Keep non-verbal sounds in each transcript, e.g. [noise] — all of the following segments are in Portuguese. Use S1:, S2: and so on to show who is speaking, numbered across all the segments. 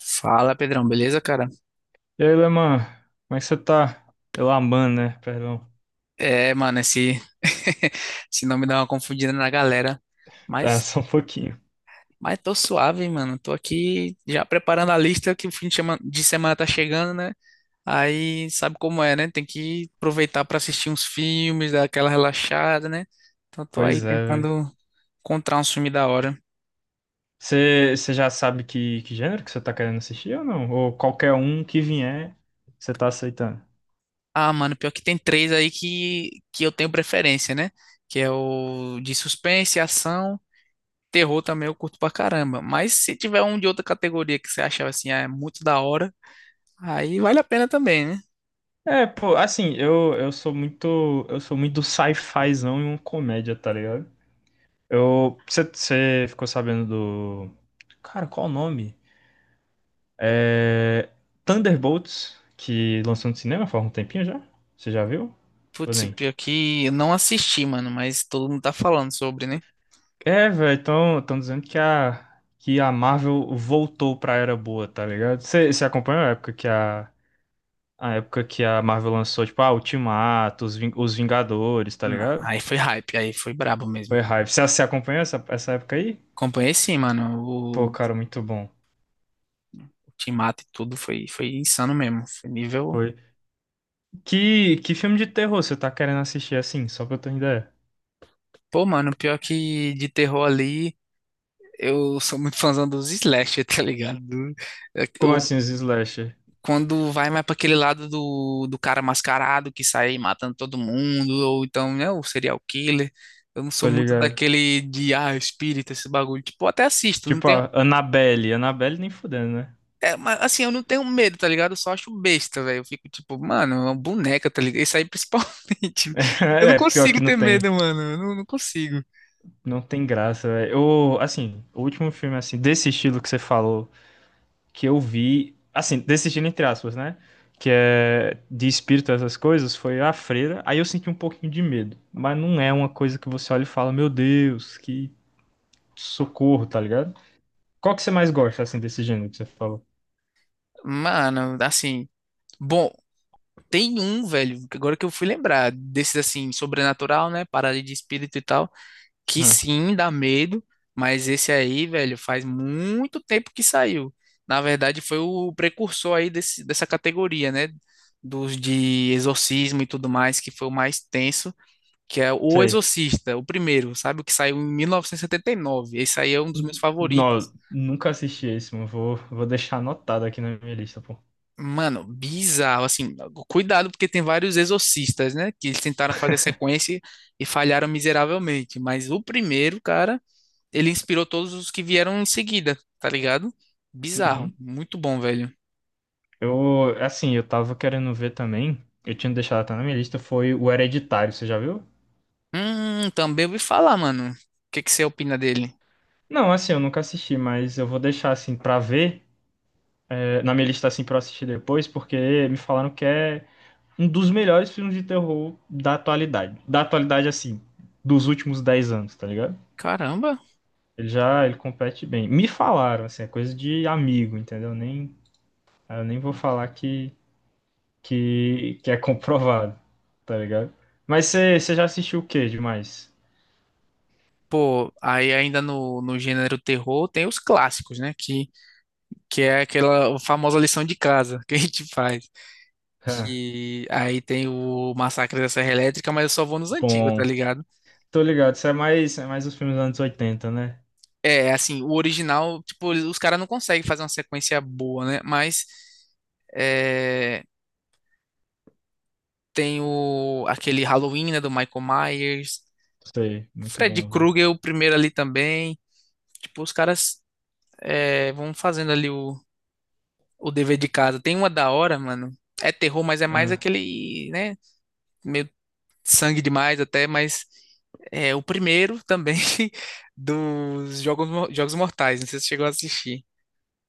S1: Fala, Pedrão, beleza, cara?
S2: E aí, Leman, como é que você tá? Elaman, né? Perdão.
S1: É, mano, esse, [laughs] esse nome dá uma confundida na galera.
S2: [laughs] Tá,
S1: Mas,
S2: só um pouquinho.
S1: mas tô suave, hein, mano. Tô aqui já preparando a lista que o fim de semana tá chegando, né? Aí sabe como é, né? Tem que aproveitar pra assistir uns filmes, dar aquela relaxada, né? Então tô
S2: Pois
S1: aí
S2: é, velho.
S1: tentando encontrar um filme da hora.
S2: Você já sabe que gênero que você tá querendo assistir ou não? Ou qualquer um que vier, você tá aceitando?
S1: Ah, mano, pior que tem três aí que eu tenho preferência, né? Que é o de suspense, ação. Terror também eu curto pra caramba. Mas se tiver um de outra categoria que você achar assim, ah, é muito da hora, aí vale a pena também, né?
S2: É, pô, assim, eu sou muito, eu sou muito do sci-fizão e uma comédia, tá ligado? Eu, você ficou sabendo do, cara, qual o nome? É, Thunderbolts, que lançou no cinema faz um tempinho já? Você já viu? Ou
S1: Putz,
S2: nem?
S1: pior que eu não assisti, mano, mas todo mundo tá falando sobre, né?
S2: É, velho, estão tão dizendo que a Marvel voltou pra era boa, tá ligado? Você acompanha a época que a época que a Marvel lançou, tipo, a Ultimato, os, Ving- os Vingadores, tá
S1: Não,
S2: ligado?
S1: aí foi hype, aí foi brabo
S2: Foi
S1: mesmo.
S2: hype. Você acompanhou essa época aí?
S1: Acompanhei sim, mano. O
S2: Pô,
S1: o
S2: cara, muito bom.
S1: Ultimato e tudo foi insano mesmo. Foi nível.
S2: Foi. Que filme de terror você tá querendo assistir assim, só pra eu ter uma ideia?
S1: Pô, mano, pior que de terror ali, eu sou muito fãzão dos slasher, [laughs] tá ligado? É,
S2: Como assim, os slasher?
S1: Quando vai mais para aquele lado do, do cara mascarado que sai matando todo mundo, ou então, né, o serial killer. Eu não sou
S2: Tô
S1: muito
S2: ligado.
S1: daquele de, ah, espírita, esse bagulho. Tipo, eu até assisto, não
S2: Tipo,
S1: tenho.
S2: a Annabelle. Annabelle nem fudendo, né?
S1: É, mas assim, eu não tenho medo, tá ligado? Eu só acho besta, velho. Eu fico tipo, mano, é uma boneca, tá ligado? Isso aí principalmente.
S2: [laughs]
S1: [laughs] Eu não
S2: É, pior que
S1: consigo
S2: não
S1: ter
S2: tem.
S1: medo, mano. Eu não consigo.
S2: Não tem graça, velho. Eu, assim, o último filme, assim, desse estilo que você falou, que eu vi, assim, desse estilo entre aspas, né? Que é de espírito, essas coisas, foi A Freira. Aí eu senti um pouquinho de medo. Mas não é uma coisa que você olha e fala, meu Deus, que socorro, tá ligado? Qual que você mais gosta, assim, desse gênero que você falou?
S1: Mano, assim. Bom, tem um, velho, que agora que eu fui lembrar, desses assim, sobrenatural, né? Parada de espírito e tal. Que
S2: Ah,
S1: sim, dá medo, mas esse aí, velho, faz muito tempo que saiu. Na verdade, foi o precursor aí dessa categoria, né? Dos de exorcismo e tudo mais, que foi o mais tenso, que é O
S2: sei.
S1: Exorcista, o primeiro, sabe? O que saiu em mil novecentos e setenta e nove? Esse aí é um dos meus favoritos.
S2: Não, nunca assisti esse, mano. Vou deixar anotado aqui na minha lista, pô.
S1: Mano, bizarro, assim, cuidado porque tem vários exorcistas, né, que eles tentaram fazer
S2: [laughs]
S1: sequência e falharam miseravelmente, mas o primeiro, cara, ele inspirou todos os que vieram em seguida, tá ligado? Bizarro,
S2: Uhum.
S1: muito bom, velho.
S2: Eu, assim, eu tava querendo ver também. Eu tinha deixado até na minha lista, foi o Hereditário, você já viu?
S1: Também ouvi falar, mano. O que que você opina dele?
S2: Não, assim, eu nunca assisti, mas eu vou deixar assim pra ver, é, na minha lista assim pra eu assistir depois, porque me falaram que é um dos melhores filmes de terror da atualidade. Da atualidade, assim, dos últimos 10 anos, tá ligado?
S1: Caramba.
S2: Ele já, ele compete bem. Me falaram, assim, é coisa de amigo, entendeu? Nem, eu nem vou falar que é [laughs] comprovado, tá ligado? Mas você já assistiu o que demais?
S1: Pô, aí ainda no gênero terror tem os clássicos, né? Que é aquela famosa lição de casa [laughs] que a gente faz.
S2: [laughs]
S1: Que aí tem o Massacre da Serra Elétrica, mas eu só vou nos antigos, tá
S2: Bom,
S1: ligado?
S2: tô ligado. Isso é mais os filmes dos anos oitenta, né?
S1: É, assim, o original, tipo, os caras não conseguem fazer uma sequência boa, né? Mas. eh, Tem aquele Halloween, né, do Michael Myers.
S2: Sei, muito
S1: Fred
S2: bom, velho.
S1: Krueger, o primeiro ali também. Tipo, os caras vão fazendo ali o dever de casa. Tem uma da hora, mano. É terror, mas é mais
S2: Ah,
S1: aquele, né? Meio sangue demais até, mas é o primeiro também [laughs] dos Jogos Mortais. Não sei se você chegou a assistir.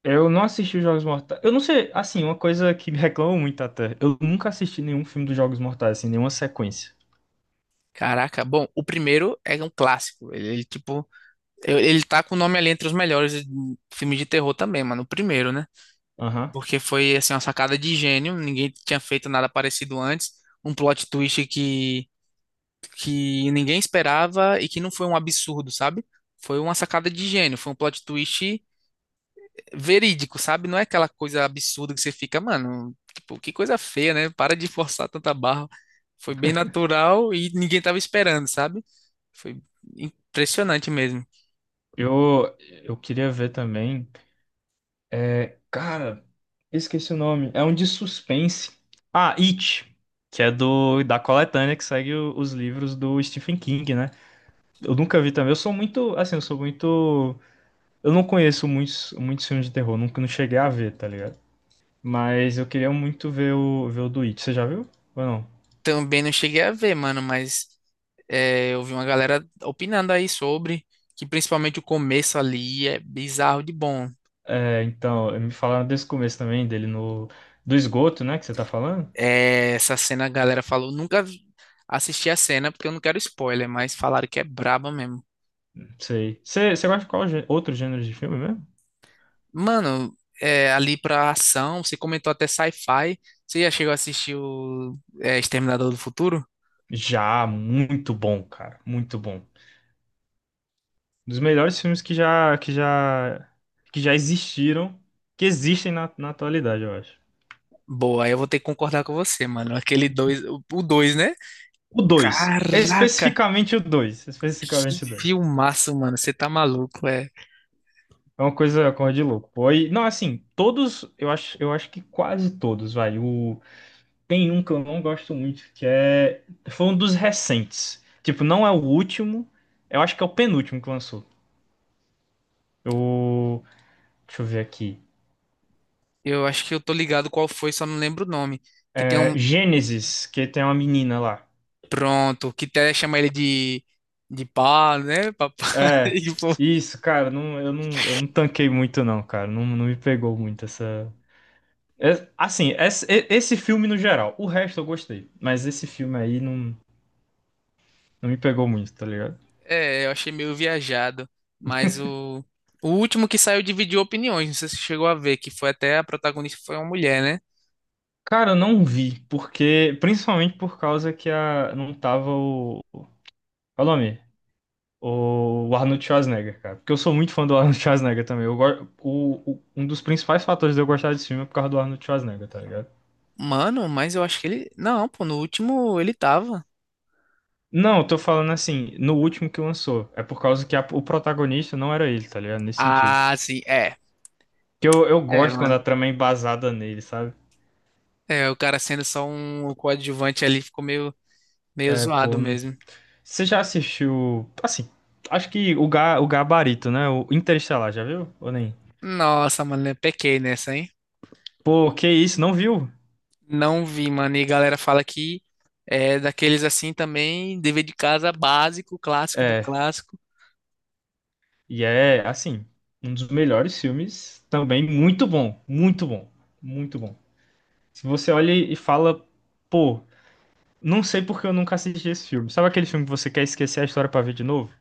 S2: eu não assisti os Jogos Mortais. Eu não sei, assim, uma coisa que me reclamam muito até. Eu nunca assisti nenhum filme dos Jogos Mortais, assim, nenhuma sequência.
S1: Caraca, bom, o primeiro é um clássico. Ele, tipo, ele tá com o nome ali entre os melhores filmes de terror também, mano. O primeiro, né?
S2: Aham.
S1: Porque foi assim uma sacada de gênio, ninguém tinha feito nada parecido antes, um plot twist que ninguém esperava e que não foi um absurdo, sabe? Foi uma sacada de gênio, foi um plot twist verídico, sabe? Não é aquela coisa absurda que você fica, mano, tipo, que coisa feia, né? Para de [laughs] forçar tanta barra. Foi bem natural e ninguém tava esperando, sabe? Foi impressionante mesmo.
S2: Eu, eu queria ver também. É, cara, esqueci o nome. É um de suspense. Ah, It, que é do da coletânea que segue o- os livros do Stephen King, né? Eu nunca vi também. Eu sou muito, assim, eu sou muito. Eu não conheço muitos, muitos filmes de terror, nunca não cheguei a ver, tá ligado? Mas eu queria muito ver o, ver o do It. Você já viu? Ou não?
S1: Também não cheguei a ver, mano, mas é, eu vi uma galera opinando aí sobre que principalmente o começo ali é bizarro de bom.
S2: É, então, me falaram desse começo também, dele no... Do esgoto, né, que você tá falando?
S1: É, essa cena a galera falou, nunca vi- assisti a cena porque eu não quero spoiler, mas falaram que é braba mesmo.
S2: Sei. Você, você gosta de qual gê- outro gênero de filme mesmo?
S1: Mano, é, ali pra ação, você comentou até sci-fi. Você já chegou a assistir o Exterminador do Futuro?
S2: Já, muito bom, cara. Muito bom. Um dos melhores filmes que já, que já, que já existiram, que existem na, na atualidade, eu acho.
S1: Boa, aí eu vou ter que concordar com você, mano. Aquele dois, o dois, né?
S2: O 2,
S1: Caraca,
S2: especificamente o 2,
S1: que
S2: especificamente o 2.
S1: filmaço, mano. Você tá maluco, é.
S2: É uma coisa, coisa de louco. Pô. E, não, assim, todos, eu acho que quase todos, vai. O, tem um que eu não gosto muito, que é. Foi um dos recentes. Tipo, não é o último. Eu acho que é o penúltimo que lançou. O. Deixa eu ver aqui.
S1: Eu acho que eu tô ligado qual foi, só não lembro o nome. Que tem
S2: É,
S1: um.
S2: Gênesis, que tem uma menina lá.
S1: Pronto, que até chama ele de. De pá, né, papai? [laughs]
S2: É.
S1: E, pô,
S2: Isso, cara, não, eu não, eu não tanquei muito, não, cara. Não, não me pegou muito essa. É- assim, esse filme no geral. O resto eu gostei. Mas esse filme aí não, não me pegou muito, tá ligado?
S1: é, eu achei meio viajado. Mas o. O último que saiu dividiu opiniões, não sei se você chegou a ver, que foi até a protagonista foi uma mulher, né?
S2: Cara, eu não vi, porque principalmente por causa que a, não tava o. Qual é o nome? O Arnold Schwarzenegger, cara. Porque eu sou muito fã do Arnold Schwarzenegger também. Eu, go- o- um dos principais fatores de eu gostar desse filme é por causa do Arnold Schwarzenegger, tá ligado?
S1: Mano, mas eu acho que ele. Não, pô, no último ele tava.
S2: Não, eu tô falando assim, no último que lançou. É por causa que a- o protagonista não era ele, tá ligado? Nesse sentido.
S1: Ah, sim, é.
S2: Que eu
S1: É,
S2: gosto quando a
S1: mano.
S2: trama é embasada nele, sabe?
S1: É, o cara sendo só um coadjuvante ali ficou meio, meio
S2: É, pô.
S1: zoado
S2: Não-
S1: mesmo.
S2: você já assistiu. Assim, acho que o, ga, o Gabarito, né? O Interestelar, já viu? Ou nem?
S1: Nossa, mano, eu pequei nessa, hein?
S2: Pô, que isso, não viu?
S1: Não vi, mano. E a galera fala que é daqueles assim também, dever de casa básico, clássico do
S2: É,
S1: clássico.
S2: e é assim, um dos melhores filmes também, muito bom, muito bom, muito bom. Se você olha e fala, pô, não sei porque eu nunca assisti esse filme. Sabe aquele filme que você quer esquecer a história pra ver de novo?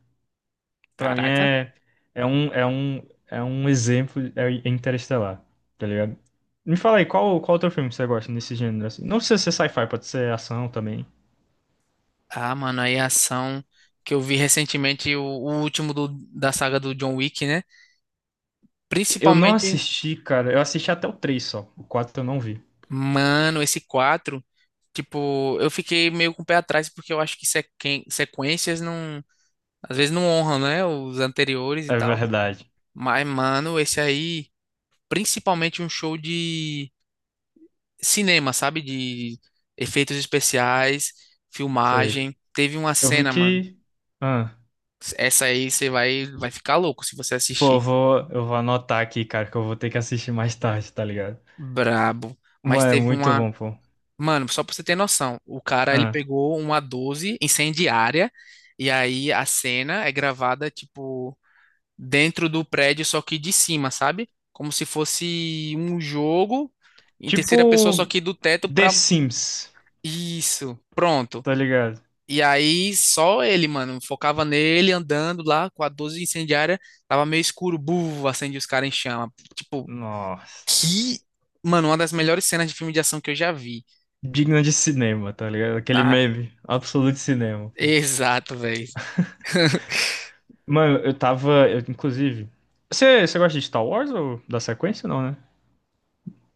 S2: Pra mim
S1: Caraca.
S2: é, é um, é um, é um exemplo, é Interestelar, tá ligado? Me fala aí, qual, qual outro filme você gosta nesse gênero? Assim? Não precisa ser sci-fi, pode ser ação também.
S1: Ah, mano, aí a ação que eu vi recentemente, o último da saga do John Wick, né?
S2: Eu não
S1: Principalmente,
S2: assisti, cara, eu assisti até o 3 só, o 4 eu não vi.
S1: mano, esse 4 tipo, eu fiquei meio com o pé atrás porque eu acho que sequências não, às vezes não honram, né? Os anteriores e
S2: É
S1: tal.
S2: verdade.
S1: Mas, mano, esse aí, principalmente um show de cinema, sabe? De efeitos especiais,
S2: Sei.
S1: filmagem. Teve uma
S2: Eu
S1: cena, mano.
S2: fiquei. Ah,
S1: Essa aí você vai ficar louco se você
S2: pô,
S1: assistir.
S2: eu vou anotar aqui, cara, que eu vou ter que assistir mais tarde, tá ligado?
S1: Brabo. Mas
S2: Mas é
S1: teve
S2: muito
S1: uma.
S2: bom, pô.
S1: Mano, só pra você ter noção, o cara ele
S2: Ah,
S1: pegou uma 12 incendiária e aí a cena é gravada, tipo, dentro do prédio, só que de cima, sabe? Como se fosse um jogo em terceira pessoa, só
S2: tipo
S1: que do teto
S2: The
S1: pra.
S2: Sims,
S1: Isso, pronto.
S2: tá ligado?
S1: E aí só ele, mano, focava nele andando lá com a 12 incendiária, tava meio escuro, buf, acende os caras em chama. Tipo,
S2: Nossa,
S1: que, mano, uma das melhores cenas de filme de ação que eu já vi.
S2: digno de cinema, tá ligado? Aquele
S1: Ah,
S2: meme, absoluto cinema, pô.
S1: exato, velho. [laughs]
S2: Mano, eu tava, eu, inclusive. Você, você gosta de Star Wars ou da sequência, não, né?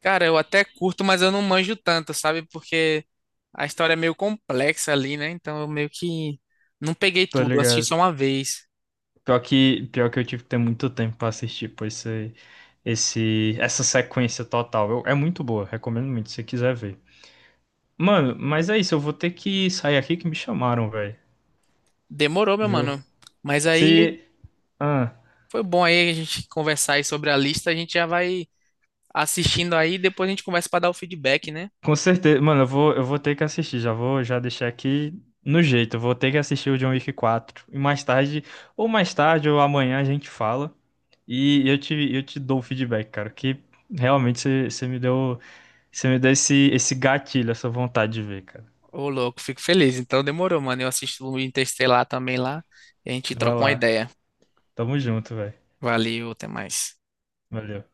S1: Cara, eu até curto, mas eu não manjo tanto, sabe? Porque a história é meio complexa ali, né? Então eu meio que não peguei
S2: Tá
S1: tudo, eu assisti só
S2: ligado?
S1: uma vez.
S2: Pior que eu tive que ter muito tempo pra assistir, pô, essa sequência total. Eu- é muito boa, recomendo muito, se você quiser ver. Mano, mas é isso, eu vou ter que sair aqui que me chamaram, velho.
S1: Demorou, meu
S2: Viu?
S1: mano. Mas aí
S2: Se. Ah,
S1: foi bom aí a gente conversar aí sobre a lista, a gente já vai assistindo aí, depois a gente conversa pra dar o feedback, né?
S2: com certeza. Mano, eu vou ter que assistir. Já vou já deixar aqui no jeito. Eu vou ter que assistir o John Wick 4. E mais tarde, ou amanhã a gente fala. E eu te dou o feedback, cara. Que realmente você me deu. Você me deu esse, esse gatilho, essa vontade de ver, cara.
S1: Ô, louco, fico feliz. Então demorou, mano. Eu assisto o Interestelar também lá e a gente
S2: Vai
S1: troca uma
S2: lá.
S1: ideia.
S2: Tamo junto, velho.
S1: Valeu, até mais.
S2: Valeu.